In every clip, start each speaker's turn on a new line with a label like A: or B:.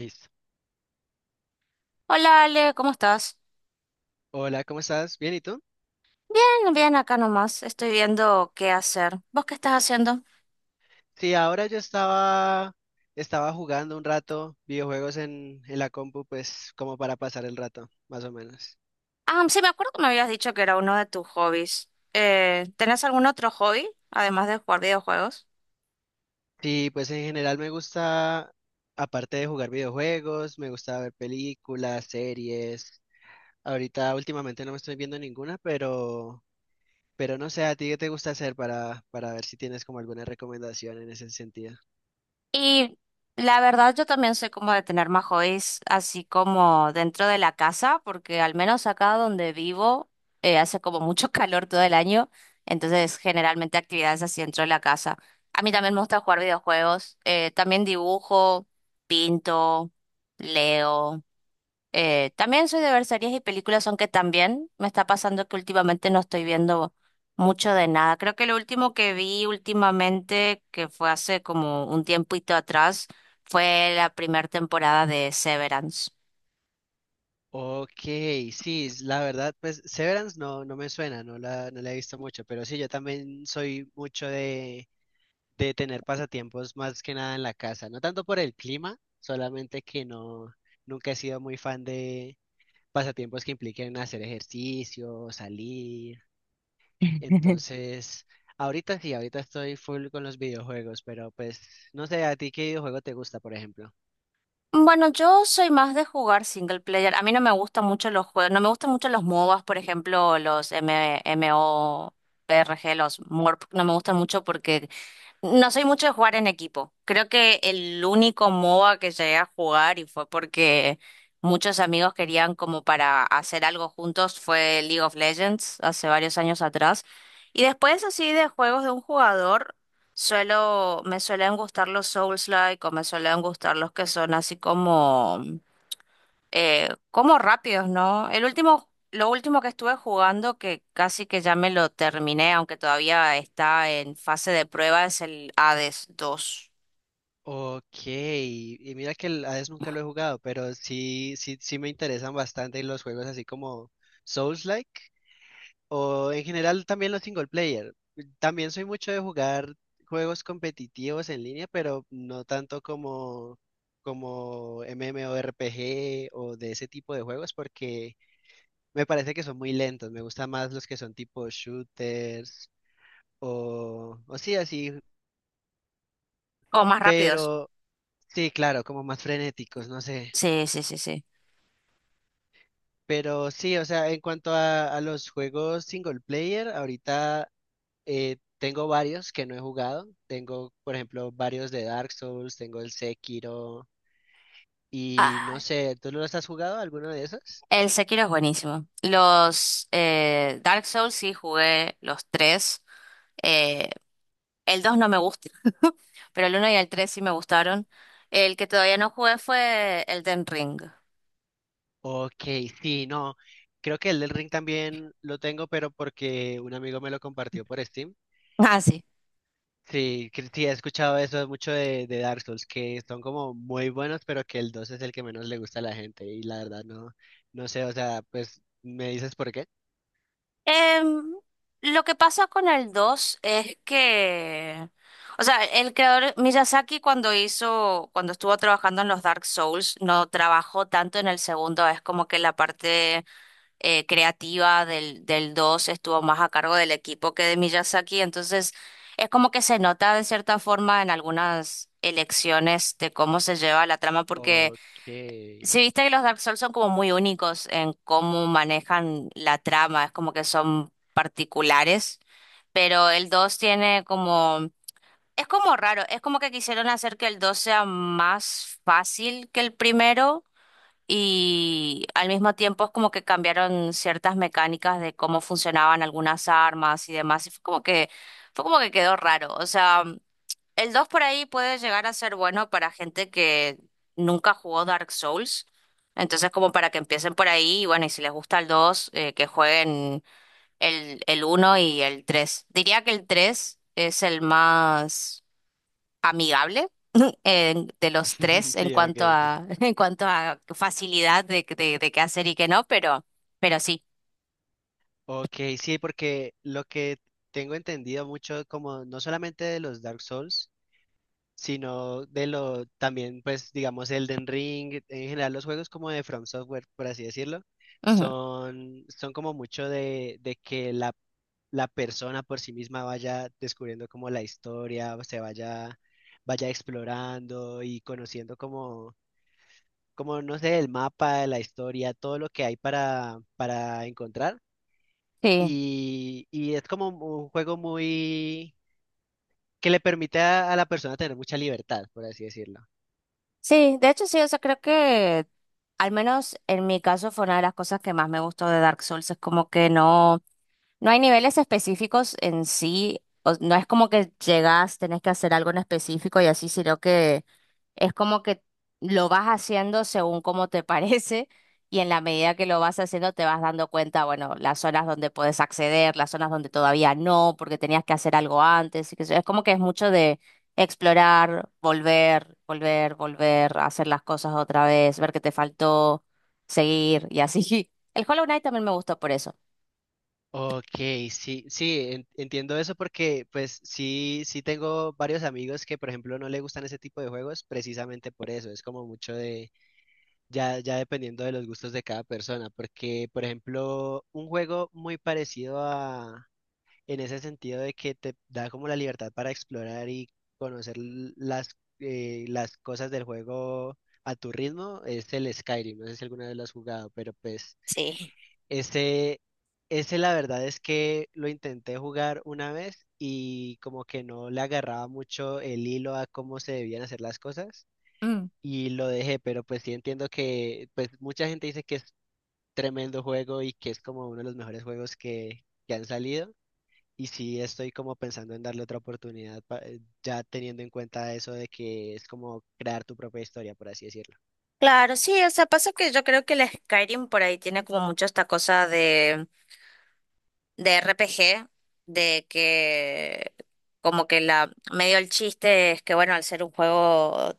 A: Listo.
B: Hola Ale, ¿cómo estás?
A: Hola, ¿cómo estás? ¿Bien y tú?
B: Bien, bien, acá nomás. Estoy viendo qué hacer. ¿Vos qué estás haciendo?
A: Sí, ahora yo estaba jugando un rato videojuegos en la compu, pues como para pasar el rato, más o menos.
B: Ah, sí, me acuerdo que me habías dicho que era uno de tus hobbies. ¿Tenés algún otro hobby, además de jugar videojuegos?
A: Sí, pues en general me gusta, aparte de jugar videojuegos, me gusta ver películas, series. Ahorita últimamente no me estoy viendo ninguna, pero no sé, ¿a ti qué te gusta hacer para ver si tienes como alguna recomendación en ese sentido?
B: Y la verdad yo también soy como de tener más hobbies así como dentro de la casa, porque al menos acá donde vivo hace como mucho calor todo el año, entonces generalmente actividades así dentro de la casa. A mí también me gusta jugar videojuegos, también dibujo, pinto, leo. También soy de ver series y películas, aunque también me está pasando que últimamente no estoy viendo mucho de nada. Creo que lo último que vi últimamente, que fue hace como un tiempito atrás, fue la primera temporada de Severance.
A: Ok, sí, la verdad, pues Severance no me suena, no la he visto mucho, pero sí, yo también soy mucho de tener pasatiempos más que nada en la casa, no tanto por el clima, solamente que no, nunca he sido muy fan de pasatiempos que impliquen hacer ejercicio, salir, entonces, ahorita sí, ahorita estoy full con los videojuegos, pero pues no sé, ¿a ti qué videojuego te gusta, por ejemplo?
B: Bueno, yo soy más de jugar single player. A mí no me gustan mucho los juegos, no me gustan mucho los MOBAs, por ejemplo, los MMORPG, los MORP, no me gustan mucho porque. No soy mucho de jugar en equipo. Creo que el único MOBA que llegué a jugar y fue porque muchos amigos querían como para hacer algo juntos fue League of Legends hace varios años atrás. Y después así de juegos de un jugador, me suelen gustar los Souls-like o me suelen gustar los que son así como como rápidos, ¿no? El último, lo último que estuve jugando, que casi que ya me lo terminé, aunque todavía está en fase de prueba, es el Hades dos.
A: Ok, y mira que el Hades nunca lo he jugado, pero sí, sí, sí me interesan bastante los juegos así como Souls-like o en general también los single player. También soy mucho de jugar juegos competitivos en línea, pero no tanto como MMORPG o de ese tipo de juegos porque me parece que son muy lentos. Me gustan más los que son tipo shooters o sí así,
B: O más rápidos.
A: pero sí, claro, como más frenéticos, no sé.
B: Sí, sí, sí, sí.
A: Pero sí, o sea, en cuanto a los juegos single player, ahorita tengo varios que no he jugado. Tengo, por ejemplo, varios de Dark Souls, tengo el Sekiro y no
B: Ah,
A: sé, ¿tú no los has jugado alguno de esos?
B: el Sekiro es buenísimo. Los Dark Souls sí jugué los tres. Eh, el 2 no me gusta, pero el uno y el 3 sí me gustaron. El que todavía no jugué fue el Elden Ring.
A: Ok, sí, no. Creo que el del Ring también lo tengo, pero porque un amigo me lo compartió por Steam.
B: Ah, sí.
A: Sí, que sí, he escuchado eso mucho de Dark Souls, que son como muy buenos, pero que el 2 es el que menos le gusta a la gente. Y la verdad no sé, o sea, pues, ¿me dices por qué?
B: Em, lo que pasa con el 2 es que, o sea, el creador Miyazaki cuando estuvo trabajando en los Dark Souls, no trabajó tanto en el segundo, es como que la parte creativa del 2 estuvo más a cargo del equipo que de Miyazaki, entonces es como que se nota de cierta forma en algunas elecciones de cómo se lleva la trama, porque...
A: Okay,
B: Sí, viste que los Dark Souls son como muy únicos en cómo manejan la trama, es como que son particulares, pero el 2 tiene como... Es como raro, es como que quisieron hacer que el 2 sea más fácil que el primero y al mismo tiempo es como que cambiaron ciertas mecánicas de cómo funcionaban algunas armas y demás, y fue como que quedó raro, o sea... El 2 por ahí puede llegar a ser bueno para gente que nunca jugó Dark Souls. Entonces, como para que empiecen por ahí, y bueno, y si les gusta el 2 que jueguen el uno y el 3. Diría que el 3 es el más amigable eh, de los tres en
A: Sí,
B: cuanto
A: okay,
B: a, en cuanto a facilidad de qué hacer y qué no, pero sí.
A: okay, sí, porque lo que tengo entendido mucho, como no solamente de los Dark Souls, sino de lo también, pues digamos, Elden Ring, en general los juegos como de From Software, por así decirlo,
B: Ujú.
A: son como mucho de que la persona por sí misma vaya descubriendo como la historia, vaya explorando y conociendo como, no sé, el mapa, la historia, todo lo que hay para encontrar.
B: Sí.
A: Y es como un juego muy, que le permite a la persona tener mucha libertad, por así decirlo.
B: Sí, de hecho sí, o sea, creo que al menos en mi caso fue una de las cosas que más me gustó de Dark Souls, es como que no... No hay niveles específicos en sí, o- no es como que llegás, tenés que hacer algo en específico y así, sino que es como que lo vas haciendo según como te parece y en la medida que lo vas haciendo te vas dando cuenta, bueno, las zonas donde puedes acceder, las zonas donde todavía no, porque tenías que hacer algo antes, y que es como que es mucho de explorar, volver, volver, volver, hacer las cosas otra vez, ver qué te faltó, seguir y así. El Hollow Knight también me gustó por eso.
A: Ok, sí, sí, entiendo eso porque pues sí, sí tengo varios amigos que por ejemplo no le gustan ese tipo de juegos precisamente por eso, es como mucho de, ya, ya dependiendo de los gustos de cada persona, porque por ejemplo un juego muy parecido a, en ese sentido de que te da como la libertad para explorar y conocer las cosas del juego a tu ritmo, es el Skyrim, no sé si alguna vez lo has jugado, pero pues...
B: Sí.
A: Ese, ese la verdad es que lo intenté jugar una vez y como que no le agarraba mucho el hilo a cómo se debían hacer las cosas y lo dejé, pero pues sí entiendo que pues mucha gente dice que es tremendo juego y que es como uno de los mejores juegos que han salido y sí estoy como pensando en darle otra oportunidad ya teniendo en cuenta eso de que es como crear tu propia historia, por así decirlo.
B: Claro, sí, o sea, pasa que yo creo que el Skyrim por ahí tiene como mucho esta cosa de RPG, de que como que la medio el chiste es que bueno, al ser un juego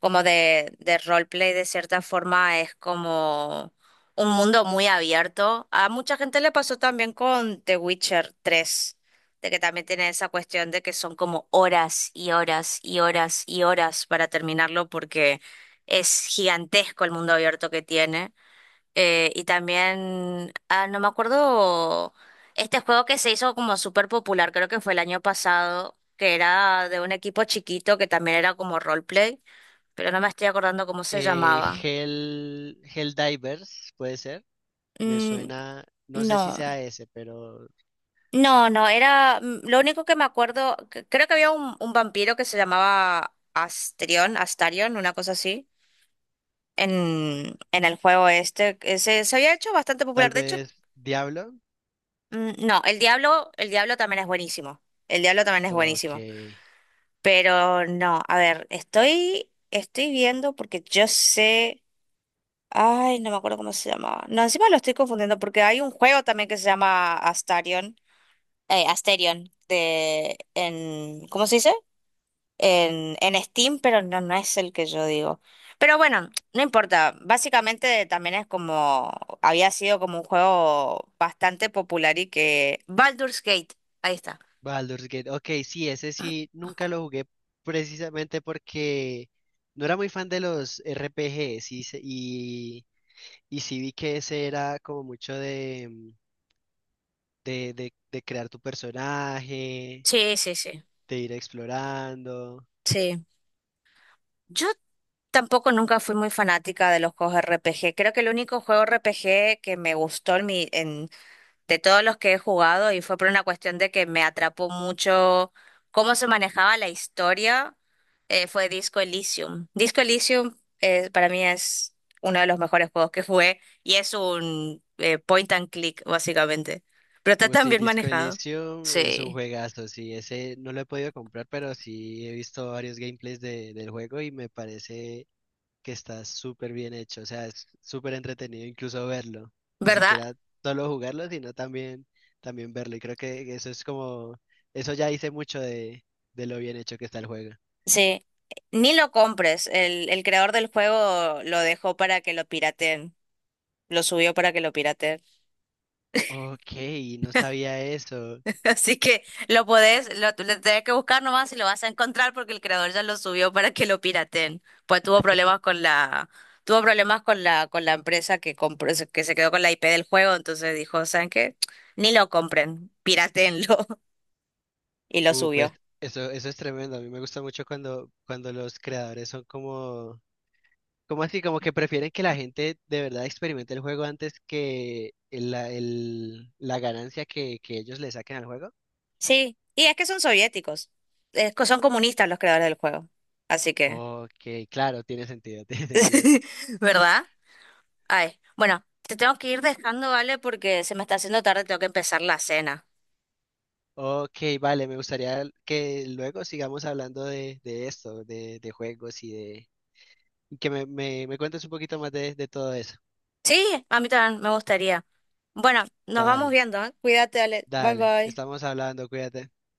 B: como de roleplay de cierta forma es como un mundo muy abierto. A mucha gente le pasó también con The Witcher 3 de que también tiene esa cuestión de que son como horas y horas y horas y horas para terminarlo porque es gigantesco el mundo abierto que tiene. Y también, ah, no me acuerdo, este juego que se hizo como súper popular, creo que fue el año pasado, que era de un equipo chiquito que también era como roleplay, pero no me estoy acordando cómo se llamaba.
A: Helldivers, puede ser. Me
B: Mm,
A: suena, no sé si
B: no,
A: sea ese, pero
B: no, no, lo único que me acuerdo, c- creo que había un vampiro que se llamaba Astrion, Astarion, una cosa así. En el juego este, se había hecho bastante
A: tal
B: popular. De hecho,
A: vez Diablo.
B: Mm, No, el Diablo también es buenísimo. El Diablo también es
A: Ok.
B: buenísimo. Pero no, a ver, estoy viendo porque yo sé. Ay, no me acuerdo cómo se llamaba. No, encima lo estoy confundiendo porque hay un juego también que se llama Astarion. Asterion. ¿Cómo se dice? En Steam, pero no, no es el que yo digo. Pero bueno, no importa. Básicamente también es como. Había sido como un juego bastante popular y que. Baldur's Gate. Ahí está.
A: Baldur's Gate. Ok, sí, ese sí, nunca lo jugué precisamente porque no era muy fan de los RPGs y sí vi que ese era como mucho de, mm, de crear tu personaje,
B: Sí, sí, sí,
A: de ir explorando.
B: sí. Yo tampoco nunca fui muy fanática de los juegos RPG. Creo que el único juego RPG que me gustó de todos los que he jugado y fue por una cuestión de que me atrapó mucho cómo se manejaba la historia, fue Disco Elysium. Disco Elysium para mí es uno de los mejores juegos que jugué y es un point and click, básicamente. Pero está
A: Uy,
B: tan
A: sí,
B: bien
A: Disco
B: manejado.
A: Elysium es un
B: Sí.
A: juegazo, sí, ese no lo he podido comprar, pero sí he visto varios gameplays del juego y me parece que está súper bien hecho, o sea, es súper entretenido incluso verlo, ni
B: ¿Verdad?
A: siquiera solo jugarlo, sino también, también verlo, y creo que eso es como, eso ya dice mucho de lo bien hecho que está el juego.
B: Sí, ni lo compres. El creador del juego lo dejó para que lo pirateen. Lo subió para que lo pirateen.
A: Ok, no sabía eso.
B: Así que lo tenés que buscar nomás y lo vas a encontrar porque el creador ya lo subió para que lo pirateen. Pues tuvo problemas con la empresa que compró, se- que se quedó con la IP del juego, entonces dijo, ¿saben qué? Ni lo compren, pirateenlo. Y lo
A: Pues
B: subió.
A: eso, es tremendo. A mí me gusta mucho cuando los creadores son como así, como que prefieren que la gente de verdad experimente el juego antes que la ganancia que ellos le saquen al juego.
B: Sí, y es que son soviéticos. Es co- son comunistas los creadores del juego. Así que,
A: Ok, claro, tiene sentido, tiene sentido.
B: ¿verdad? Ay, bueno, te tengo que ir dejando, ¿vale? Porque se me está haciendo tarde, tengo que empezar la cena.
A: Ok, vale, me gustaría que luego sigamos hablando de esto, de juegos y de... y que me cuentes un poquito más de todo eso.
B: Sí, a mí también me gustaría. Bueno, nos vamos
A: Vale,
B: viendo, ¿eh? Cuídate, Ale. Bye
A: dale,
B: bye.
A: estamos hablando, cuídate.